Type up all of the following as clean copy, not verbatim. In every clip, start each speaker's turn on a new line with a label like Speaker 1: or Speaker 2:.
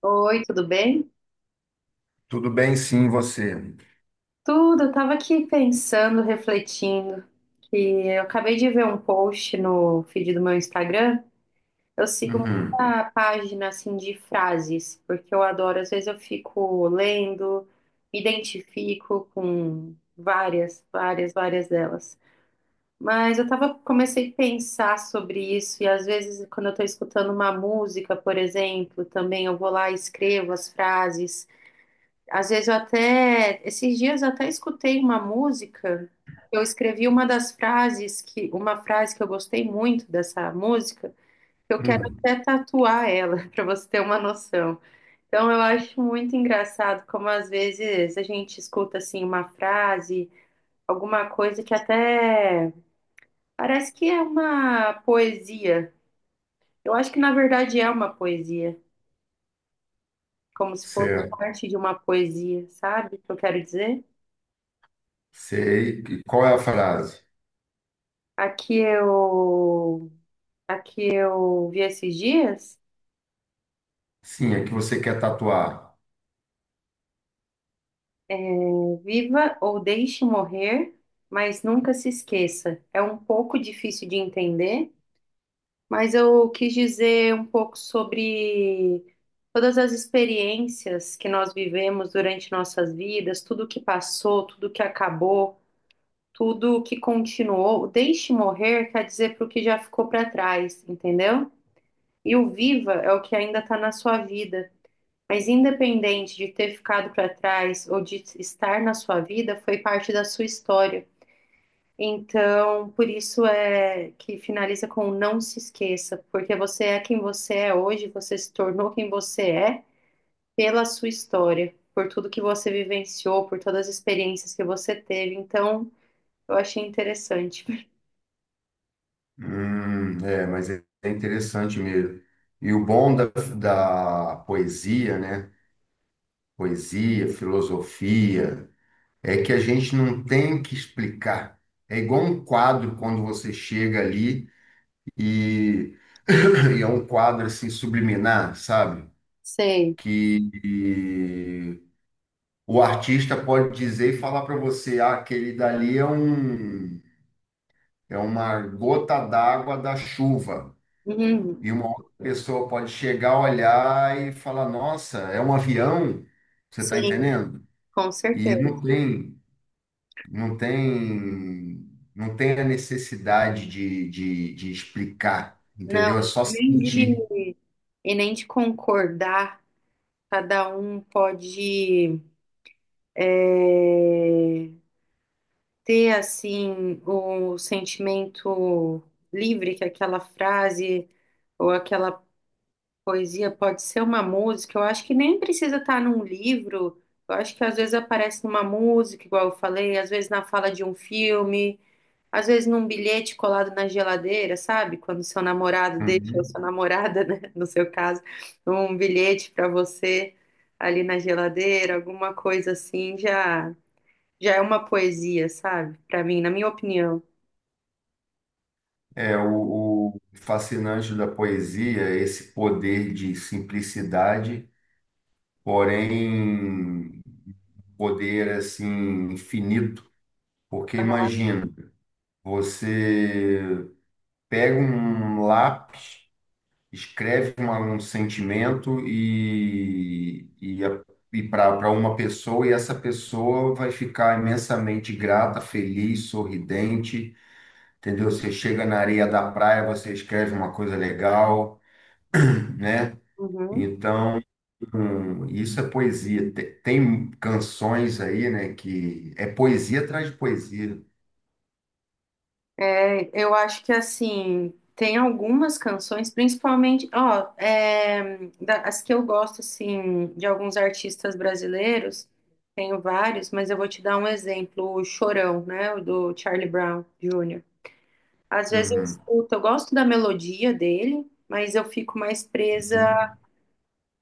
Speaker 1: Oi, tudo bem?
Speaker 2: Tudo bem, sim, você.
Speaker 1: Tudo, eu tava aqui pensando, refletindo, que eu acabei de ver um post no feed do meu Instagram. Eu sigo
Speaker 2: Uhum.
Speaker 1: muita página assim de frases, porque eu adoro, às vezes eu fico lendo, me identifico com várias, várias, várias delas. Mas comecei a pensar sobre isso, e às vezes quando eu tô escutando uma música, por exemplo, também eu vou lá e escrevo as frases. Às vezes eu até, esses dias eu até escutei uma música, eu escrevi uma frase que eu gostei muito dessa música, que eu quero
Speaker 2: Hum.
Speaker 1: até tatuar ela, para você ter uma noção. Então eu acho muito engraçado como às vezes a gente escuta assim uma frase, alguma coisa que até parece que é uma poesia. Eu acho que na verdade é uma poesia, como se fosse
Speaker 2: Certo.
Speaker 1: parte de uma poesia, sabe o que eu quero dizer?
Speaker 2: Sei. E qual é a frase?
Speaker 1: Aqui eu, aqui eu vi esses dias,
Speaker 2: Sim, é que você quer tatuar.
Speaker 1: é, viva ou deixe morrer, mas nunca se esqueça. É um pouco difícil de entender, mas eu quis dizer um pouco sobre todas as experiências que nós vivemos durante nossas vidas, tudo que passou, tudo que acabou, tudo que continuou. O deixe morrer quer dizer para o que já ficou para trás, entendeu? E o viva é o que ainda está na sua vida. Mas independente de ter ficado para trás ou de estar na sua vida, foi parte da sua história. Então, por isso é que finaliza com não se esqueça, porque você é quem você é hoje, você se tornou quem você é pela sua história, por tudo que você vivenciou, por todas as experiências que você teve. Então, eu achei interessante.
Speaker 2: É, mas é interessante mesmo. E o bom da poesia, né? Poesia, filosofia, é que a gente não tem que explicar. É igual um quadro quando você chega ali e, e é um quadro assim subliminar, sabe?
Speaker 1: Sei.
Speaker 2: Que O artista pode dizer e falar para você, ah, aquele dali é um, é uma gota d'água da chuva.
Speaker 1: Uhum.
Speaker 2: E uma outra pessoa pode chegar, olhar e falar, nossa, é um avião. Você está
Speaker 1: Sim,
Speaker 2: entendendo?
Speaker 1: com
Speaker 2: E
Speaker 1: certeza.
Speaker 2: não tem, não tem, não tem a necessidade de explicar, entendeu? É
Speaker 1: Não,
Speaker 2: só
Speaker 1: nem
Speaker 2: sentir.
Speaker 1: de, e nem de concordar. Cada um pode eh, ter assim o sentimento livre que aquela frase ou aquela poesia pode ser uma música. Eu acho que nem precisa estar num livro. Eu acho que às vezes aparece numa música, igual eu falei, às vezes na fala de um filme. Às vezes num bilhete colado na geladeira, sabe? Quando seu namorado deixa, ou sua
Speaker 2: Uhum.
Speaker 1: namorada, né? No seu caso, um bilhete para você ali na geladeira, alguma coisa assim, já já é uma poesia, sabe? Para mim, na minha opinião.
Speaker 2: É o fascinante da poesia, é esse poder de simplicidade porém poder assim infinito, porque imagina, você pega um lápis, escreve um sentimento e para uma pessoa, e essa pessoa vai ficar imensamente grata, feliz, sorridente, entendeu? Você chega na areia da praia, você escreve uma coisa legal, né?
Speaker 1: Uhum.
Speaker 2: Então, isso é poesia. Tem canções aí, né, que é poesia atrás de poesia.
Speaker 1: É, eu acho que assim, tem algumas canções, principalmente, ó, as que eu gosto assim de alguns artistas brasileiros, tenho vários, mas eu vou te dar um exemplo, o Chorão, né, o do Charlie Brown Jr. Às vezes eu
Speaker 2: Uhum,
Speaker 1: escuto, eu gosto da melodia dele, mas eu fico mais presa
Speaker 2: uhum.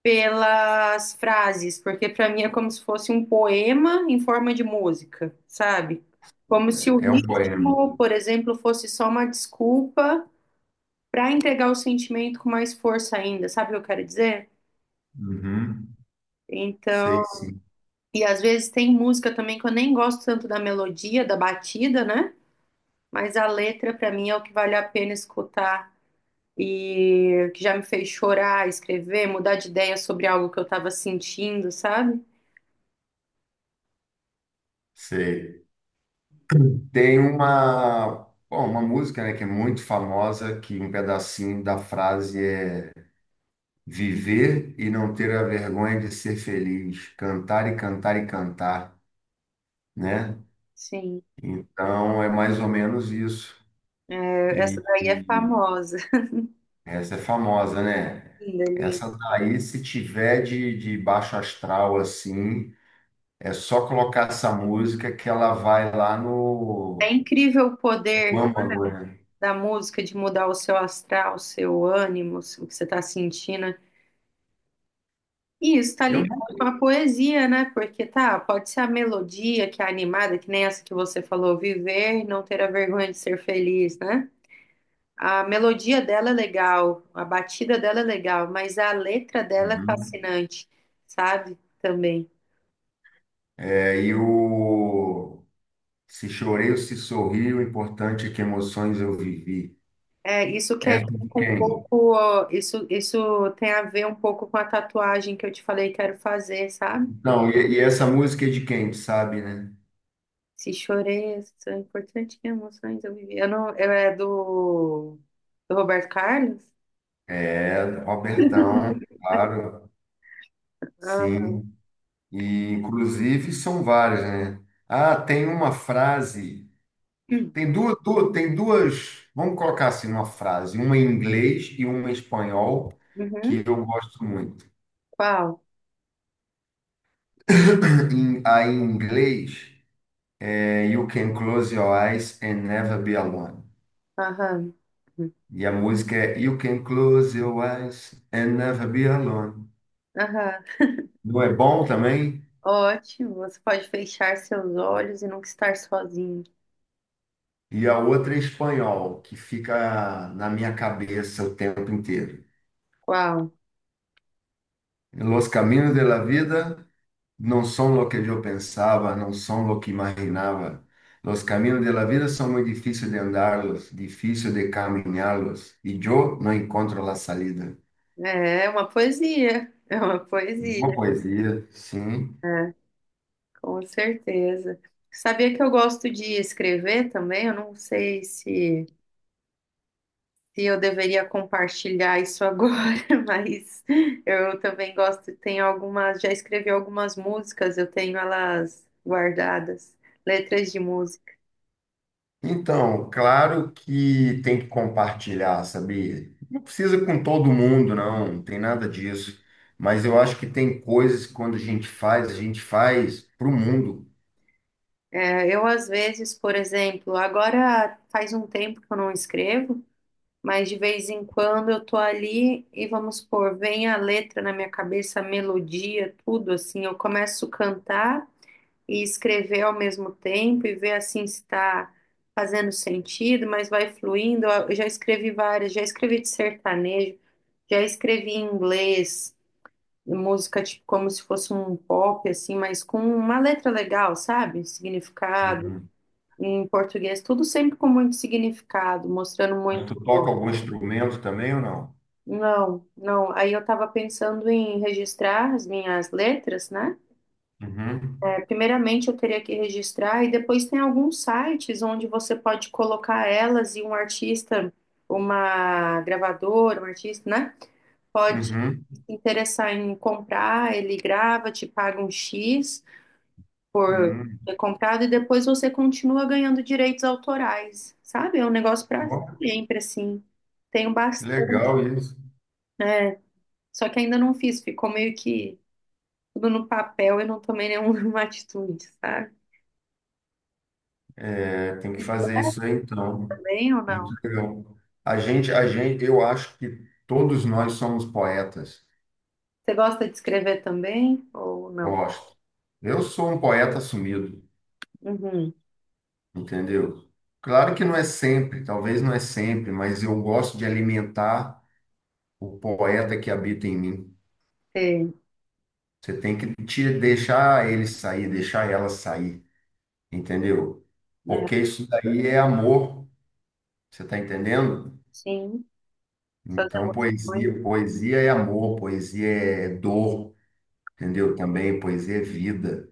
Speaker 1: pelas frases, porque para mim é como se fosse um poema em forma de música, sabe? Como se o
Speaker 2: É um poema.
Speaker 1: ritmo, por exemplo, fosse só uma desculpa para entregar o sentimento com mais força ainda, sabe o que eu quero dizer?
Speaker 2: Uhum.
Speaker 1: Então,
Speaker 2: Sei, sim.
Speaker 1: e às vezes tem música também que eu nem gosto tanto da melodia, da batida, né? Mas a letra para mim é o que vale a pena escutar e que já me fez chorar, escrever, mudar de ideia sobre algo que eu estava sentindo, sabe?
Speaker 2: Sei. Tem uma, bom, uma música, né, que é muito famosa, que um pedacinho da frase é viver e não ter a vergonha de ser feliz, cantar e cantar e cantar, né?
Speaker 1: Sim.
Speaker 2: Então é mais ou menos isso.
Speaker 1: É, essa
Speaker 2: E,
Speaker 1: daí é famosa.
Speaker 2: essa é famosa, né?
Speaker 1: Linda, linda.
Speaker 2: Essa daí, se tiver de baixo astral assim, é só colocar essa música que ela vai lá
Speaker 1: É incrível o
Speaker 2: no
Speaker 1: poder, não,
Speaker 2: âmago, né?
Speaker 1: da música de mudar o seu astral, o seu ânimo, o que você está sentindo. E isso está
Speaker 2: Eu
Speaker 1: ligado
Speaker 2: nunca.
Speaker 1: com a poesia, né? Porque tá, pode ser a melodia que é animada, que nem essa que você falou, viver e não ter a vergonha de ser feliz, né? A melodia dela é legal, a batida dela é legal, mas a letra dela é
Speaker 2: Uhum.
Speaker 1: fascinante, sabe? Também.
Speaker 2: É, e o se chorei ou se sorri, o importante é que emoções eu vivi.
Speaker 1: É, isso quer
Speaker 2: Essa é
Speaker 1: dizer
Speaker 2: de
Speaker 1: que um pouco,
Speaker 2: quem?
Speaker 1: ó, isso tem a ver um pouco com a tatuagem que eu te falei que quero fazer, sabe?
Speaker 2: Então, e essa música é de quem, tu sabe, né?
Speaker 1: Se chorei, são importantes emoções eu vivi. Eu não, eu é do Roberto Carlos?
Speaker 2: É, Robertão, claro,
Speaker 1: Aham.
Speaker 2: sim. E, inclusive, são várias, né? Ah, tem uma frase.
Speaker 1: Uhum.
Speaker 2: Tem duas. Vamos colocar assim uma frase, uma em inglês e uma em espanhol,
Speaker 1: Uhum.
Speaker 2: que eu gosto muito.
Speaker 1: Qual?
Speaker 2: Em, a em inglês é You Can Close Your Eyes and Never Be Alone.
Speaker 1: Aham.
Speaker 2: E a música é You Can Close Your Eyes and Never Be Alone.
Speaker 1: Aham.
Speaker 2: Não é bom também?
Speaker 1: Ótimo. Você pode fechar seus olhos e nunca estar sozinho.
Speaker 2: E a outra é em espanhol, que fica na minha cabeça o tempo inteiro.
Speaker 1: Qual?
Speaker 2: Los caminos de la vida não são lo que eu pensava, não são lo que imaginava. Los caminos de la vida são muito difíceis de andarlos, difícil de caminhá-los, e eu não encontro a salida.
Speaker 1: É é uma poesia. É uma
Speaker 2: Uma
Speaker 1: poesia.
Speaker 2: poesia, sim.
Speaker 1: É. Com certeza. Sabia que eu gosto de escrever também? Eu não sei se eu deveria compartilhar isso agora, mas eu também gosto. Tem algumas, já escrevi algumas músicas, eu tenho elas guardadas, letras de música.
Speaker 2: Então, claro que tem que compartilhar, sabia? Não precisa com todo mundo, não, não tem nada disso. Mas eu acho que tem coisas que quando a gente faz para o mundo.
Speaker 1: É, eu, às vezes, por exemplo, agora faz um tempo que eu não escrevo, mas de vez em quando eu tô ali e vamos supor, vem a letra na minha cabeça, a melodia, tudo assim, eu começo a cantar e escrever ao mesmo tempo e ver assim se está fazendo sentido, mas vai fluindo. Eu já escrevi várias, já escrevi de sertanejo, já escrevi em inglês, música tipo como se fosse um pop assim, mas com uma letra legal, sabe? Significado.
Speaker 2: Uhum.
Speaker 1: Em português, tudo sempre com muito significado, mostrando
Speaker 2: Mas
Speaker 1: muito.
Speaker 2: tu toca algum instrumento também ou não?
Speaker 1: Não, não. Aí eu tava pensando em registrar as minhas letras, né?
Speaker 2: Uhum,
Speaker 1: Primeiramente, eu teria que registrar, e depois tem alguns sites onde você pode colocar elas e um artista, uma gravadora, um artista, né? Pode se
Speaker 2: uhum,
Speaker 1: interessar em comprar, ele grava, te paga um X por
Speaker 2: uhum.
Speaker 1: ter comprado, e depois você continua ganhando direitos autorais, sabe? É um negócio para
Speaker 2: Ó,
Speaker 1: sempre, assim. Tenho
Speaker 2: que
Speaker 1: bastante,
Speaker 2: legal isso.
Speaker 1: só que ainda não fiz, ficou meio que tudo no papel e não tomei nenhuma atitude, sabe?
Speaker 2: É, tem que
Speaker 1: Isso
Speaker 2: fazer isso aí, então.
Speaker 1: também ou não?
Speaker 2: Muito legal. A gente, eu acho que todos nós somos poetas.
Speaker 1: Você gosta de escrever também ou não?
Speaker 2: Gosto. Eu sou um poeta assumido,
Speaker 1: Uhum.
Speaker 2: entendeu? Claro que não é sempre, talvez não é sempre, mas eu gosto de alimentar o poeta que habita em mim.
Speaker 1: Sei.
Speaker 2: Você tem que te deixar ele sair, deixar ela sair, entendeu?
Speaker 1: Né?
Speaker 2: Porque isso daí é amor. Você está entendendo?
Speaker 1: Sim, suas
Speaker 2: Então,
Speaker 1: emoções.
Speaker 2: poesia, poesia é amor, poesia é dor, entendeu? Também poesia é vida.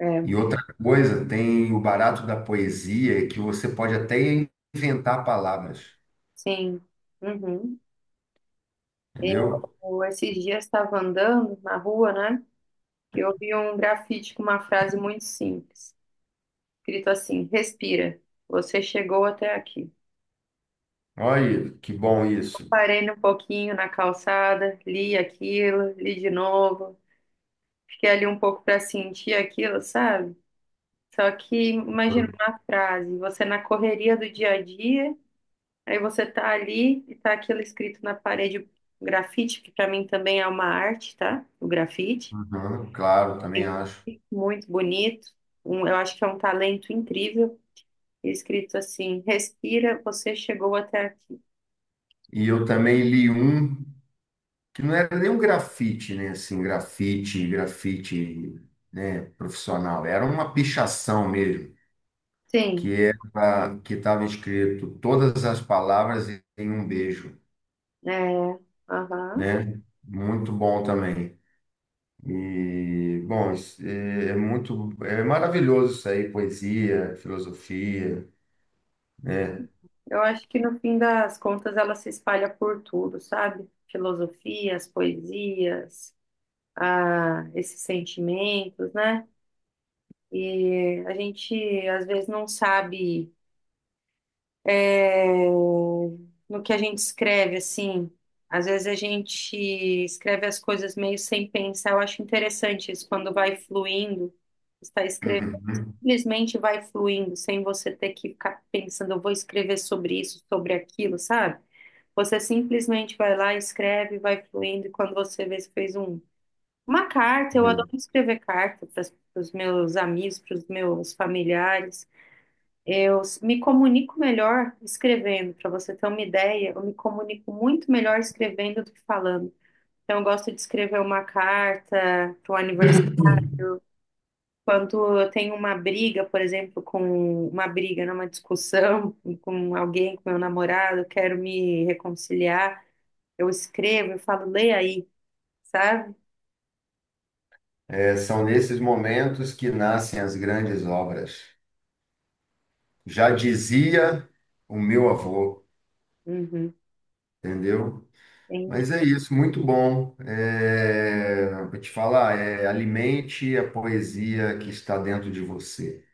Speaker 1: É,
Speaker 2: E outra coisa, tem o barato da poesia é que você pode até inventar palavras,
Speaker 1: sim. Uhum.
Speaker 2: entendeu?
Speaker 1: Eu, esses dias estava andando na rua, né? Eu vi um grafite com uma frase muito simples, escrito assim: respira, você chegou até aqui.
Speaker 2: Olha, que bom isso.
Speaker 1: Parei um pouquinho na calçada, li aquilo, li de novo, fiquei ali um pouco para sentir aquilo, sabe? Só que imagina uma frase, você na correria do dia a dia. Aí você tá ali e tá aquilo escrito na parede, grafite, que pra mim também é uma arte, tá? O grafite,
Speaker 2: Uhum, claro, também acho.
Speaker 1: muito bonito. Um, eu acho que é um talento incrível. E escrito assim: respira, você chegou até aqui.
Speaker 2: E eu também li um que não era nem um grafite, né? Assim, grafite, grafite, né? Profissional. Era uma pichação mesmo. Que
Speaker 1: Sim,
Speaker 2: era, que estava escrito todas as palavras em um beijo,
Speaker 1: é. Aham.
Speaker 2: né? Muito bom também. E, bom, isso é muito, é maravilhoso isso aí, poesia, filosofia, né?
Speaker 1: Eu acho que no fim das contas ela se espalha por tudo, sabe? Filosofias, poesias, ah, esses sentimentos, né? E a gente às vezes não sabe, é, no que a gente escreve, assim. Às vezes a gente escreve as coisas meio sem pensar. Eu acho interessante isso, quando vai fluindo, está escrevendo,
Speaker 2: Uhum.
Speaker 1: simplesmente vai fluindo, sem você ter que ficar pensando, eu vou escrever sobre isso, sobre aquilo, sabe? Você simplesmente vai lá, escreve, vai fluindo, e quando você vê, você fez um, uma carta. Eu adoro escrever carta para os meus amigos, para os meus familiares. Eu me comunico melhor escrevendo, para você ter uma ideia, eu me comunico muito melhor escrevendo do que falando. Então, eu gosto de escrever uma carta para o aniversário. Quando eu tenho uma briga, por exemplo, com uma briga, né, uma discussão com alguém, com meu namorado, eu quero me reconciliar, eu escrevo, eu falo, lê aí, sabe?
Speaker 2: É, são nesses momentos que nascem as grandes obras. Já dizia o meu avô,
Speaker 1: Uhum.
Speaker 2: entendeu?
Speaker 1: Entendi.
Speaker 2: Mas é isso, muito bom. É, vou te falar, é, alimente a poesia que está dentro de você.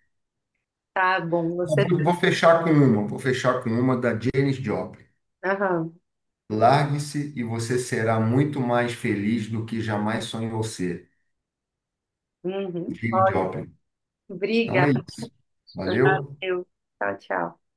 Speaker 1: Tá bom,
Speaker 2: Eu
Speaker 1: você.
Speaker 2: Vou, vou fechar com uma, vou fechar com uma da Janis Joplin.
Speaker 1: Aham.
Speaker 2: Largue-se e você será muito mais feliz do que jamais sonhou ser.
Speaker 1: Uhum.
Speaker 2: Janis
Speaker 1: Ótimo.
Speaker 2: Joplin. Então é
Speaker 1: Obrigada.
Speaker 2: isso. Valeu.
Speaker 1: Valeu. Tchau, tchau.